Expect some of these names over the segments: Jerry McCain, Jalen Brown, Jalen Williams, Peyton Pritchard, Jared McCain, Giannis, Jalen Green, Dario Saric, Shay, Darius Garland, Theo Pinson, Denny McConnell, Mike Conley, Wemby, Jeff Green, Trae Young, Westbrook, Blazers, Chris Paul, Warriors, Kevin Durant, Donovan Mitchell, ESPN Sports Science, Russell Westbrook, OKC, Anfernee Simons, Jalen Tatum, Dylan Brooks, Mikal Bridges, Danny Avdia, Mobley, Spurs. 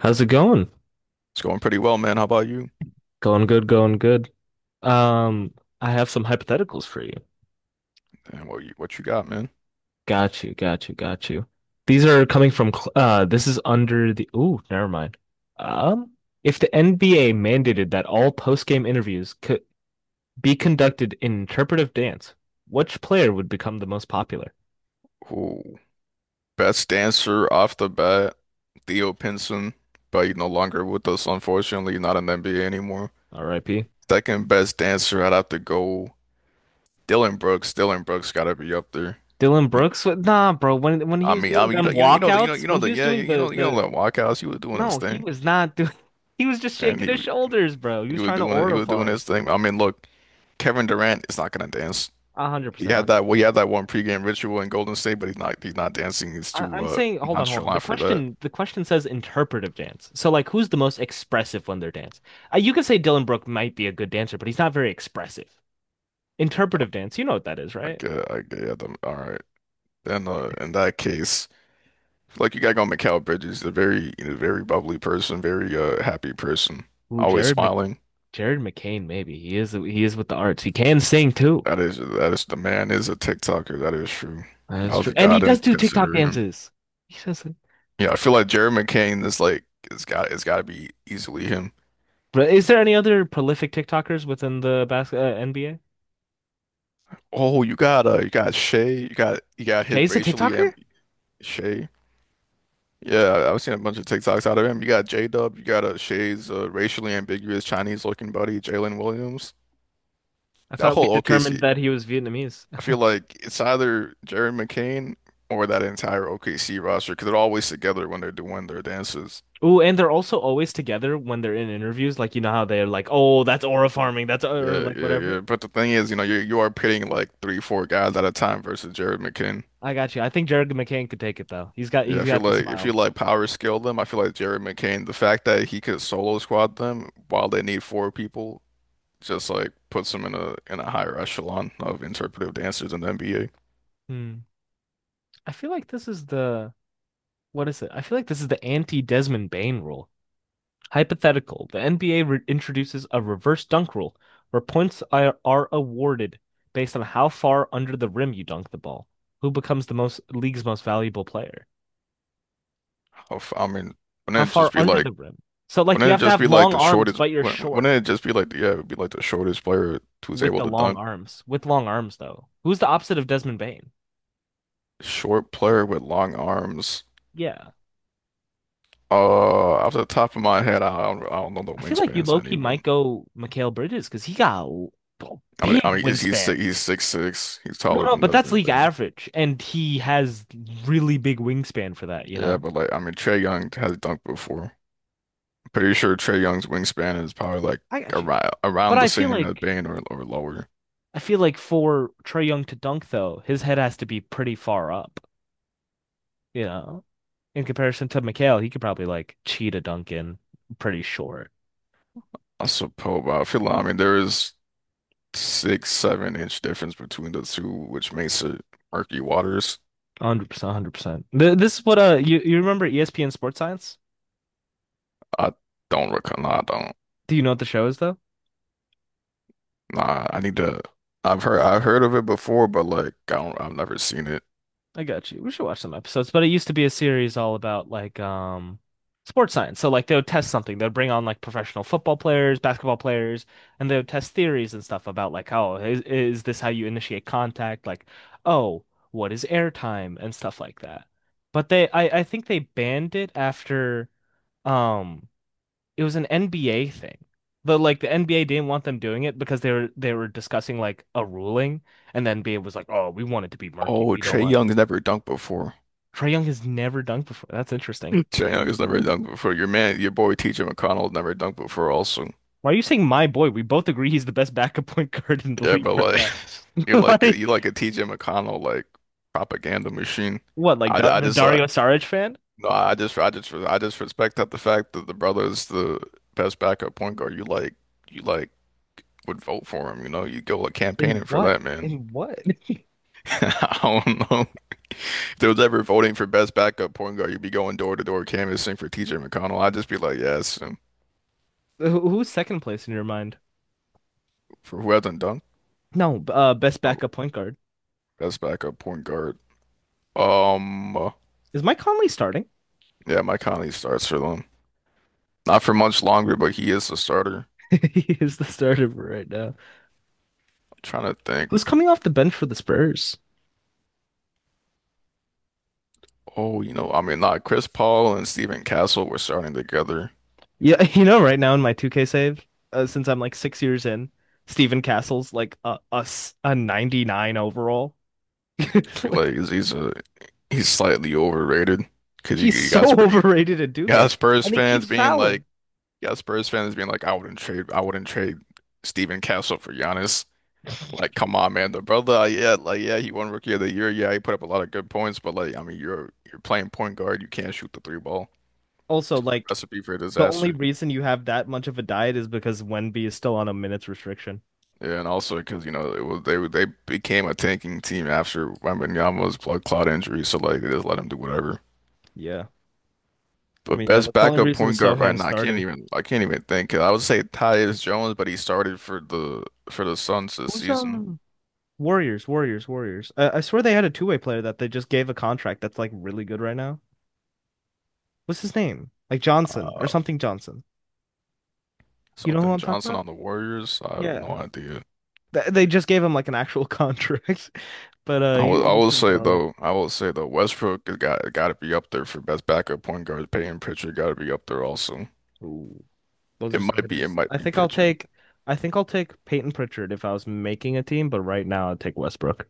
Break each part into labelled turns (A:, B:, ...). A: How's it going?
B: It's going pretty well, man. How about you?
A: Going good, going good. Um, I have some hypotheticals for you.
B: And what you got, man?
A: Got you, got you, got you. These are coming from this is under the ooh, never mind. Um, if the NBA mandated that all post-game interviews could be conducted in interpretive dance, which player would become the most popular?
B: Ooh. Best dancer off the bat, Theo Pinson, but he's no longer with us, unfortunately, not in the NBA anymore.
A: R.I.P.
B: Second best dancer, I'd have to go Dylan Brooks. Dylan Brooks gotta be up there.
A: Dylan
B: You-
A: Brooks? Nah, bro, when he
B: I
A: was
B: mean,
A: doing them
B: the, you know,
A: walkouts,
B: you
A: when
B: know
A: he
B: the
A: was
B: yeah,
A: doing
B: you you
A: the
B: know, you know
A: the
B: the walkouts. He was doing his
A: no, he
B: thing,
A: was not doing he was just
B: and
A: shaking
B: he
A: his shoulders, bro. He
B: he
A: was
B: was
A: trying to
B: doing it. He
A: aura
B: was doing
A: farm.
B: his thing. I mean, look, Kevin Durant is not gonna dance.
A: A hundred
B: He
A: percent, a
B: had
A: hundred
B: that Well, he
A: percent.
B: had that one pregame ritual in Golden State, but he's not dancing. He's
A: I,
B: too
A: I'm saying, hold on, hold on. The
B: nonchalant for that.
A: question, the question says interpretive dance. So, like, who's the most expressive when they're dance? You could say Dylan Brooke might be a good dancer, but he's not very expressive.
B: Uh,
A: Interpretive dance, you know what that is,
B: I
A: right?
B: get them. All right. Then in that case, like you gotta go Mikal Bridges, a very bubbly person, very happy person,
A: Ooh,
B: always smiling.
A: Jared McCain, maybe he is. He is with the arts. He can sing too.
B: That is the man is a TikToker, that is true. I
A: That's
B: was
A: true,
B: a
A: and he
B: god in
A: does do TikTok
B: considering him.
A: dances. He does it.
B: Yeah, I feel like Jerry McCain is like it's gotta be easily him.
A: But is there any other prolific TikTokers within the NBA?
B: Oh, you got Shay, you got his
A: Jay's a
B: racially
A: TikToker?
B: am Shay. Yeah, I've seen a bunch of TikToks out of him. You got J-Dub, you got a Shay's racially ambiguous Chinese-looking buddy, Jalen Williams.
A: I
B: That
A: thought we
B: whole
A: determined
B: OKC,
A: that he was Vietnamese.
B: I feel like it's either Jerry McCain or that entire OKC roster because they're always together when they're doing their dances.
A: Ooh, and they're also always together when they're in interviews. Like you know how they're like, "Oh, that's aura farming. That's or
B: Yeah,
A: like
B: yeah,
A: whatever."
B: yeah. But the thing is, you are pitting like three, four guys at a time versus Jared McCain.
A: I got you. I think Jared McCain could take it though. He's got
B: Yeah,
A: he's
B: I feel
A: got the
B: like if you
A: smiles.
B: like power scale them, I feel like Jared McCain, the fact that he could solo squad them while they need four people just like puts him in a higher echelon of interpretive dancers in the NBA.
A: Hmm. I feel like this is the what is it? I feel like this is the anti-Desmond Bain rule. Hypothetical. The NBA re introduces a reverse dunk rule where points are awarded based on how far under the rim you dunk the ball. Who becomes the most league's most valuable player?
B: I mean,
A: How
B: wouldn't it
A: far
B: just be
A: under
B: like
A: the rim? So like you
B: wouldn't
A: have
B: it
A: to
B: just
A: have
B: be like
A: long
B: the
A: arms,
B: shortest?
A: but you're
B: Wouldn't
A: short.
B: it just be like yeah, it would be like the shortest player who's
A: With
B: able
A: the
B: to
A: long
B: dunk,
A: arms. With long arms, though. Who's the opposite of Desmond Bain?
B: short player with long arms.
A: Yeah.
B: Off the top of my head, I don't know the
A: I feel like you
B: wingspans
A: low
B: of
A: key might
B: anyone.
A: go Mikal Bridges because he got a
B: I mean, I
A: big
B: mean, he's he's
A: wingspan.
B: six, he's six six. He's
A: No,
B: taller
A: no,
B: than
A: but that's
B: Desmond
A: league
B: Bane.
A: average. And he has really big wingspan for that, you
B: Yeah,
A: know?
B: but like, I mean, Trey Young has dunked before. Pretty sure Trey Young's wingspan is probably like
A: I got you.
B: around
A: But
B: around
A: I
B: the
A: feel
B: same as
A: like
B: Bane or lower.
A: I feel like for Trey Young to dunk though, his head has to be pretty far up, you know? In comparison to Mikal, he could probably like cheat a dunk in pretty short.
B: I suppose, I feel like, I mean there is six, seven inch difference between the two, which makes it murky waters.
A: 100%, 100%. This is what you remember ESPN Sports Science?
B: I don't recall. Nah, I don't.
A: Do you know what the show is though?
B: Nah, I need to. I've heard of it before, but like I don't. I've never seen it.
A: I got you. We should watch some episodes, but it used to be a series all about like sports science. So like they would test something. They'd bring on like professional football players, basketball players, and they would test theories and stuff about like oh, is this how you initiate contact? Like, oh, what is air time and stuff like that. But they I think they banned it after um it was an NBA thing. The NBA didn't want them doing it because they were discussing like a ruling, and the NBA was like, "Oh, we want it to be murky.
B: Oh,
A: We don't
B: Trae
A: want."
B: Young's never dunked before.
A: Trae Young has never dunked before. That's interesting.
B: Trae Young has never dunked before. Your man, your boy T.J. McConnell's never dunked before. Also.
A: Why are you saying my boy? We both agree he's the best backup point guard in the
B: Yeah, but
A: league right
B: like
A: now.
B: you're like a,
A: Like
B: you like a TJ McConnell like propaganda machine.
A: what? Like
B: I,
A: Da-
B: I
A: the
B: just like
A: Dario Saric fan?
B: no, I just respect that the fact that the brother is the best backup point guard. You like would vote for him. You go like
A: In
B: campaigning for
A: what?
B: that man.
A: In what?
B: I don't know. If there was ever voting for best backup point guard, you'd be going door to door canvassing for TJ McConnell. I'd just be like, yes, and
A: Who's second place in your mind?
B: for who hasn't done?
A: No, best
B: Oh,
A: backup point guard.
B: best backup point guard. Um,
A: Is Mike Conley starting?
B: yeah, Mike Conley starts for them. Not for much longer, but he is the starter.
A: He is the starter right now.
B: I'm trying to think.
A: Who's coming off the bench for the Spurs?
B: Oh, I mean, not Chris Paul and Stephen Castle were starting together.
A: Yeah, right now in my 2K save, since I'm like 6 years in, Stephen Castle's like a 99 overall.
B: I feel
A: Like,
B: like he's, a he's slightly overrated because you,
A: he's
B: you
A: so
B: got Spurs,
A: overrated at
B: got
A: 2K.
B: Spurs fans being like, you got Spurs fans being like, I wouldn't trade Stephen Castle for Giannis. Like, come on, man, the brother, yeah, like, yeah, he won Rookie of the Year, yeah, he put up a lot of good points, but like, I mean, you're playing point guard, you can't shoot the three ball.
A: Also,
B: Just a
A: like
B: recipe for
A: the only
B: disaster.
A: reason you have that much of a diet is because Wemby is still on a minutes restriction.
B: Yeah, and also because you know it was they were- they became a tanking team after Wembanyama's blood clot injury, so like they just let him do whatever.
A: Yeah. I
B: But
A: mean, yeah,
B: best
A: that's the only
B: backup
A: reason
B: point guard right
A: Sohan's
B: now, I can't
A: starting.
B: even I can't even think. 'Cause I would say Tyus Jones, but he started for the Suns this
A: Who's
B: season.
A: Warriors. I swear they had a two-way player that they just gave a contract that's like really good right now. What's his name? Like Johnson or
B: Uh,
A: something Johnson. You know who
B: something
A: I'm talking
B: Johnson
A: about?
B: on the Warriors. I have no
A: Yeah.
B: idea.
A: They just gave him like an actual contract, but uh,
B: I
A: he,
B: will I
A: he's
B: will
A: been
B: say
A: killing it.
B: though Westbrook has got to be up there for best backup point guard. Peyton Pritchard got to be up there also.
A: Ooh, those
B: It
A: are some
B: might be it
A: hitters.
B: might
A: I
B: be
A: think I'll
B: Pritchard.
A: take, I think I'll take Peyton Pritchard if I was making a team, but right now I'd take Westbrook.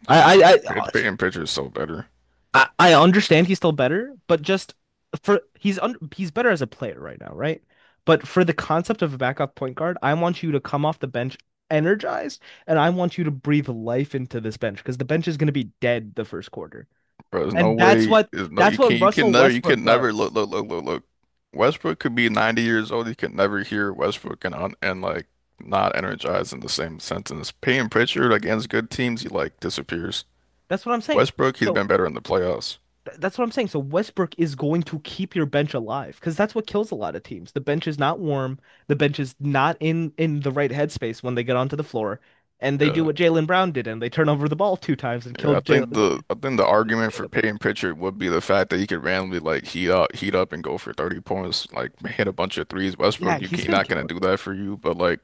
B: I think
A: I, I,
B: Peyton,
A: I,
B: Peyton Pritchard's so better.
A: I understand he's still better, but just for he's better as a player right now, right? But for the concept of a backup point guard, I want you to come off the bench energized, and I want you to breathe life into this bench because the bench is going to be dead the first quarter.
B: Bro, there's no
A: And that's
B: way.
A: what
B: There's no
A: that's
B: you
A: what
B: can't. You can
A: Russell
B: never. You
A: Westbrook
B: can never look.
A: does.
B: Look. Look. Look. Look. Westbrook could be 90 years old. You can never hear Westbrook and like not energized in the same sentence. Payne Pritchard against good teams, he like disappears.
A: That's what I'm saying.
B: Westbrook, he's
A: So
B: been better in the playoffs.
A: that's what I'm saying. So Westbrook is going to keep your bench alive because that's what kills a lot of teams. The bench is not warm. The bench is not in the right headspace when they get onto the floor, and they do
B: Yeah.
A: what Jalen Brown did and they turn over the ball two times and
B: Yeah. I
A: killed Jalen.
B: think the
A: Jalen
B: I think the argument for
A: Tatum.
B: Payne Pritchard would be the fact that he could randomly like heat up and go for 30 points, like hit a bunch of threes.
A: Yeah,
B: Westbrook,
A: he's been
B: not gonna
A: killing.
B: do that for you, but like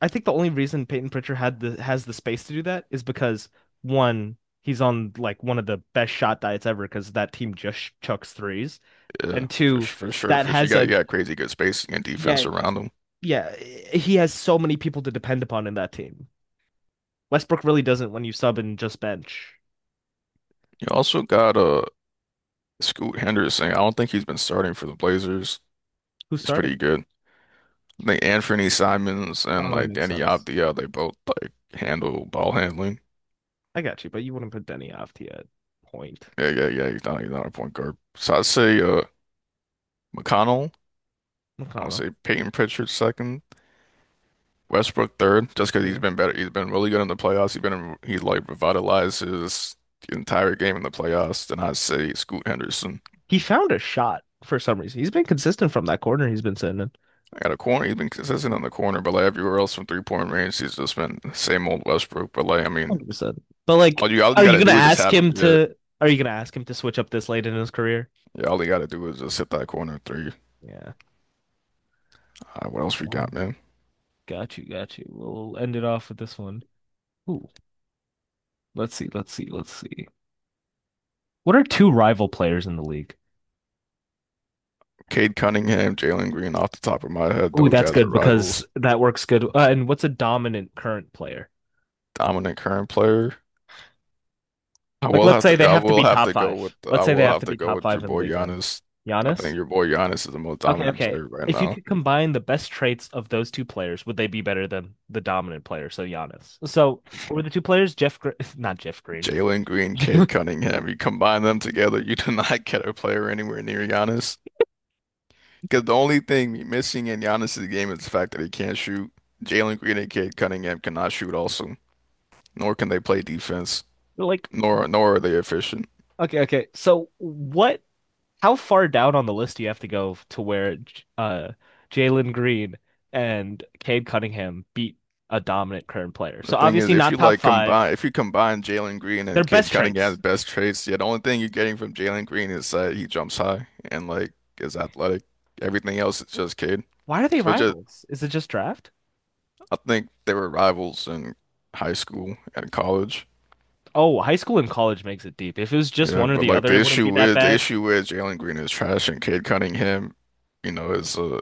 A: I think the only reason Peyton Pritchard had the has the space to do that is because one, he's on like one of the best shot diets ever because that team just chucks threes,
B: yeah,
A: and
B: for s-
A: two,
B: for sure,
A: that
B: for sure, you
A: has
B: got you
A: a
B: got crazy good spacing and
A: yeah
B: defense around him.
A: yeah eh, he has so many people to depend upon in that team. Westbrook really doesn't when you sub and just bench.
B: You also got Scoot Henderson. I don't think he's been starting for the Blazers.
A: Who's
B: He's
A: starting?
B: pretty good. I think Anfernee Simons and
A: Oh, that
B: like
A: makes
B: Danny
A: sense.
B: Avdia, they both like handle ball handling.
A: I got you, but you wouldn't put Denny off to point.
B: Yeah, yeah, yeah. He's not a point guard. So I'd say McConnell. I would
A: McConnell.
B: say Peyton Pritchard second, Westbrook third, just because he's
A: Yeah.
B: been better. He's been really good in the playoffs. He like revitalized his entire game in the playoffs. Then I'd say Scoot Henderson.
A: He found a shot for some reason. He's been consistent from that corner he's been sitting in.
B: I got a corner. He's been consistent on the corner, but like everywhere else from three-point range, he's just been the same old Westbrook. But like, I mean,
A: 100%. But like,
B: all you
A: are you
B: gotta
A: gonna
B: do is just
A: ask
B: have him.
A: him
B: Yeah,
A: to? Are you gonna ask him to switch up this late in his career?
B: yeah. All you gotta do is just hit that corner three.
A: Yeah.
B: What else we
A: Uh,
B: got, man?
A: Got you. Got you. We'll end it off with this one. Ooh, let's see. Let's see. Let's see. What are two rival players in the league?
B: Cade Cunningham, Jalen Green. Off the top of my head,
A: Ooh,
B: those
A: that's
B: guys are
A: good because
B: rivals.
A: that works good. And what's a dominant current player?
B: Dominant current player. I
A: Like,
B: will
A: let's
B: have
A: say
B: to.
A: they
B: I
A: have to
B: will
A: be
B: have
A: top
B: to go with.
A: five. Let's
B: I
A: say they
B: will
A: have
B: have
A: to
B: to
A: be
B: go
A: top
B: with your
A: five in the
B: boy
A: league right
B: Giannis.
A: now.
B: I think
A: Giannis.
B: your boy Giannis is the most
A: Okay,
B: dominant
A: okay.
B: player right
A: If you
B: now.
A: could combine the best traits of those two players, would they be better than the dominant player, so Giannis? So, were the two players Jeff Green, not Jeff Green.
B: Jalen Green, Cade Cunningham. You combine them together, you do not get a player anywhere near Giannis. Because the only thing missing in Giannis's game is the fact that he can't shoot. Jalen Green and Cade Cunningham cannot shoot also, nor can they play defense,
A: Like,
B: nor are they efficient.
A: okay, okay. So, what how far down on the list do you have to go to where uh Jalen Green and Cade Cunningham beat a dominant current player?
B: The
A: So,
B: thing is,
A: obviously
B: if you
A: not top
B: like
A: 5.
B: combine, if you combine Jalen Green
A: Their
B: and Cade
A: best
B: Cunningham's
A: traits.
B: best traits, yeah, the only thing you're getting from Jalen Green is that he jumps high and like is athletic. Everything else is just Cade.
A: Why are they
B: So just,
A: rivals? Is it just draft?
B: I think they were rivals in high school and college.
A: Oh, high school and college makes it deep. If it was just
B: Yeah,
A: one or
B: but
A: the
B: like
A: other,
B: the
A: it wouldn't
B: issue
A: be that
B: with the
A: bad.
B: issue with Jalen Green is trash and Cade Cunningham, you know, is uh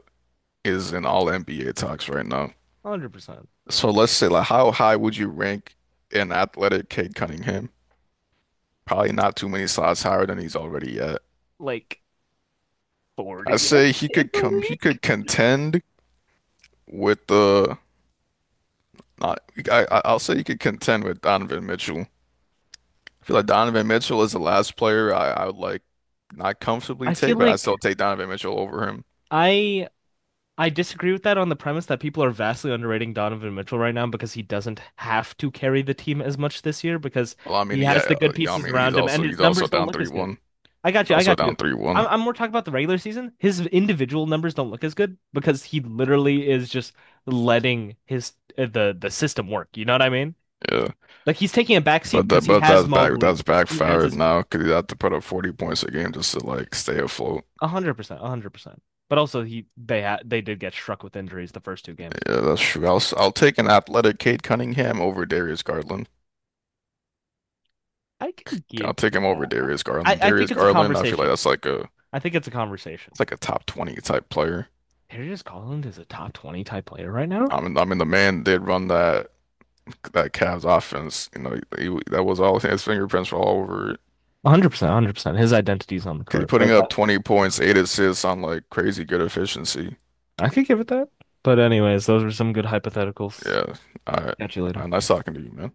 B: is in all NBA talks right now.
A: 100%.
B: So let's say like how high would you rank an athletic Cade Cunningham? Probably not too many slots higher than he's already at.
A: Like
B: I
A: 40th
B: say
A: in the
B: he
A: league.
B: could contend with the not I I- I'll say he could contend with Donovan Mitchell. I feel like Donovan Mitchell is the last player I would like not comfortably
A: I feel
B: take, but I
A: like
B: still take Donovan Mitchell over him.
A: I I disagree with that on the premise that people are vastly underrating Donovan Mitchell right now because he doesn't have to carry the team as much this year because
B: Well, I
A: he
B: mean,
A: has the
B: yeah,
A: good
B: yeah, I
A: pieces
B: mean, he's
A: around him and
B: also
A: his
B: he's also
A: numbers don't
B: down
A: look
B: three
A: as good.
B: one.
A: I got
B: He's
A: you. I
B: also
A: got you.
B: down three
A: I'm,
B: one.
A: I'm more talking about the regular season. His individual numbers don't look as good because he literally is just letting his the system work. You know what I mean?
B: Yeah,
A: Like he's taking a back seat
B: but
A: because
B: that
A: he
B: but
A: has
B: that's back
A: Mobley,
B: that's
A: he has
B: backfired
A: his
B: now because he'd have to put up 40 points a game just to like stay afloat.
A: 100%, 100%. But also, he they had they did get struck with injuries the first two games.
B: Yeah, that's true. I'll take an athletic Cade Cunningham over Darius Garland.
A: I can give
B: I'll take
A: you
B: him over
A: that.
B: Darius
A: I,
B: Garland.
A: I think
B: Darius
A: it's a
B: Garland, I feel like
A: conversation.
B: that's like a
A: I think it's a conversation.
B: it's like a top 20 type player.
A: Darius Garland is a top 20 type player right now.
B: I mean, the man did run that Cavs offense. That was all his fingerprints were all over it.
A: 100%, 100%. His identity's on the
B: 'Cause he's
A: court, but
B: putting up 20 points, eight assists on like crazy good efficiency.
A: I could give it that. But anyways, those were some good hypotheticals.
B: Yeah. All right.
A: Catch you
B: All
A: later.
B: right. Nice talking to you, man.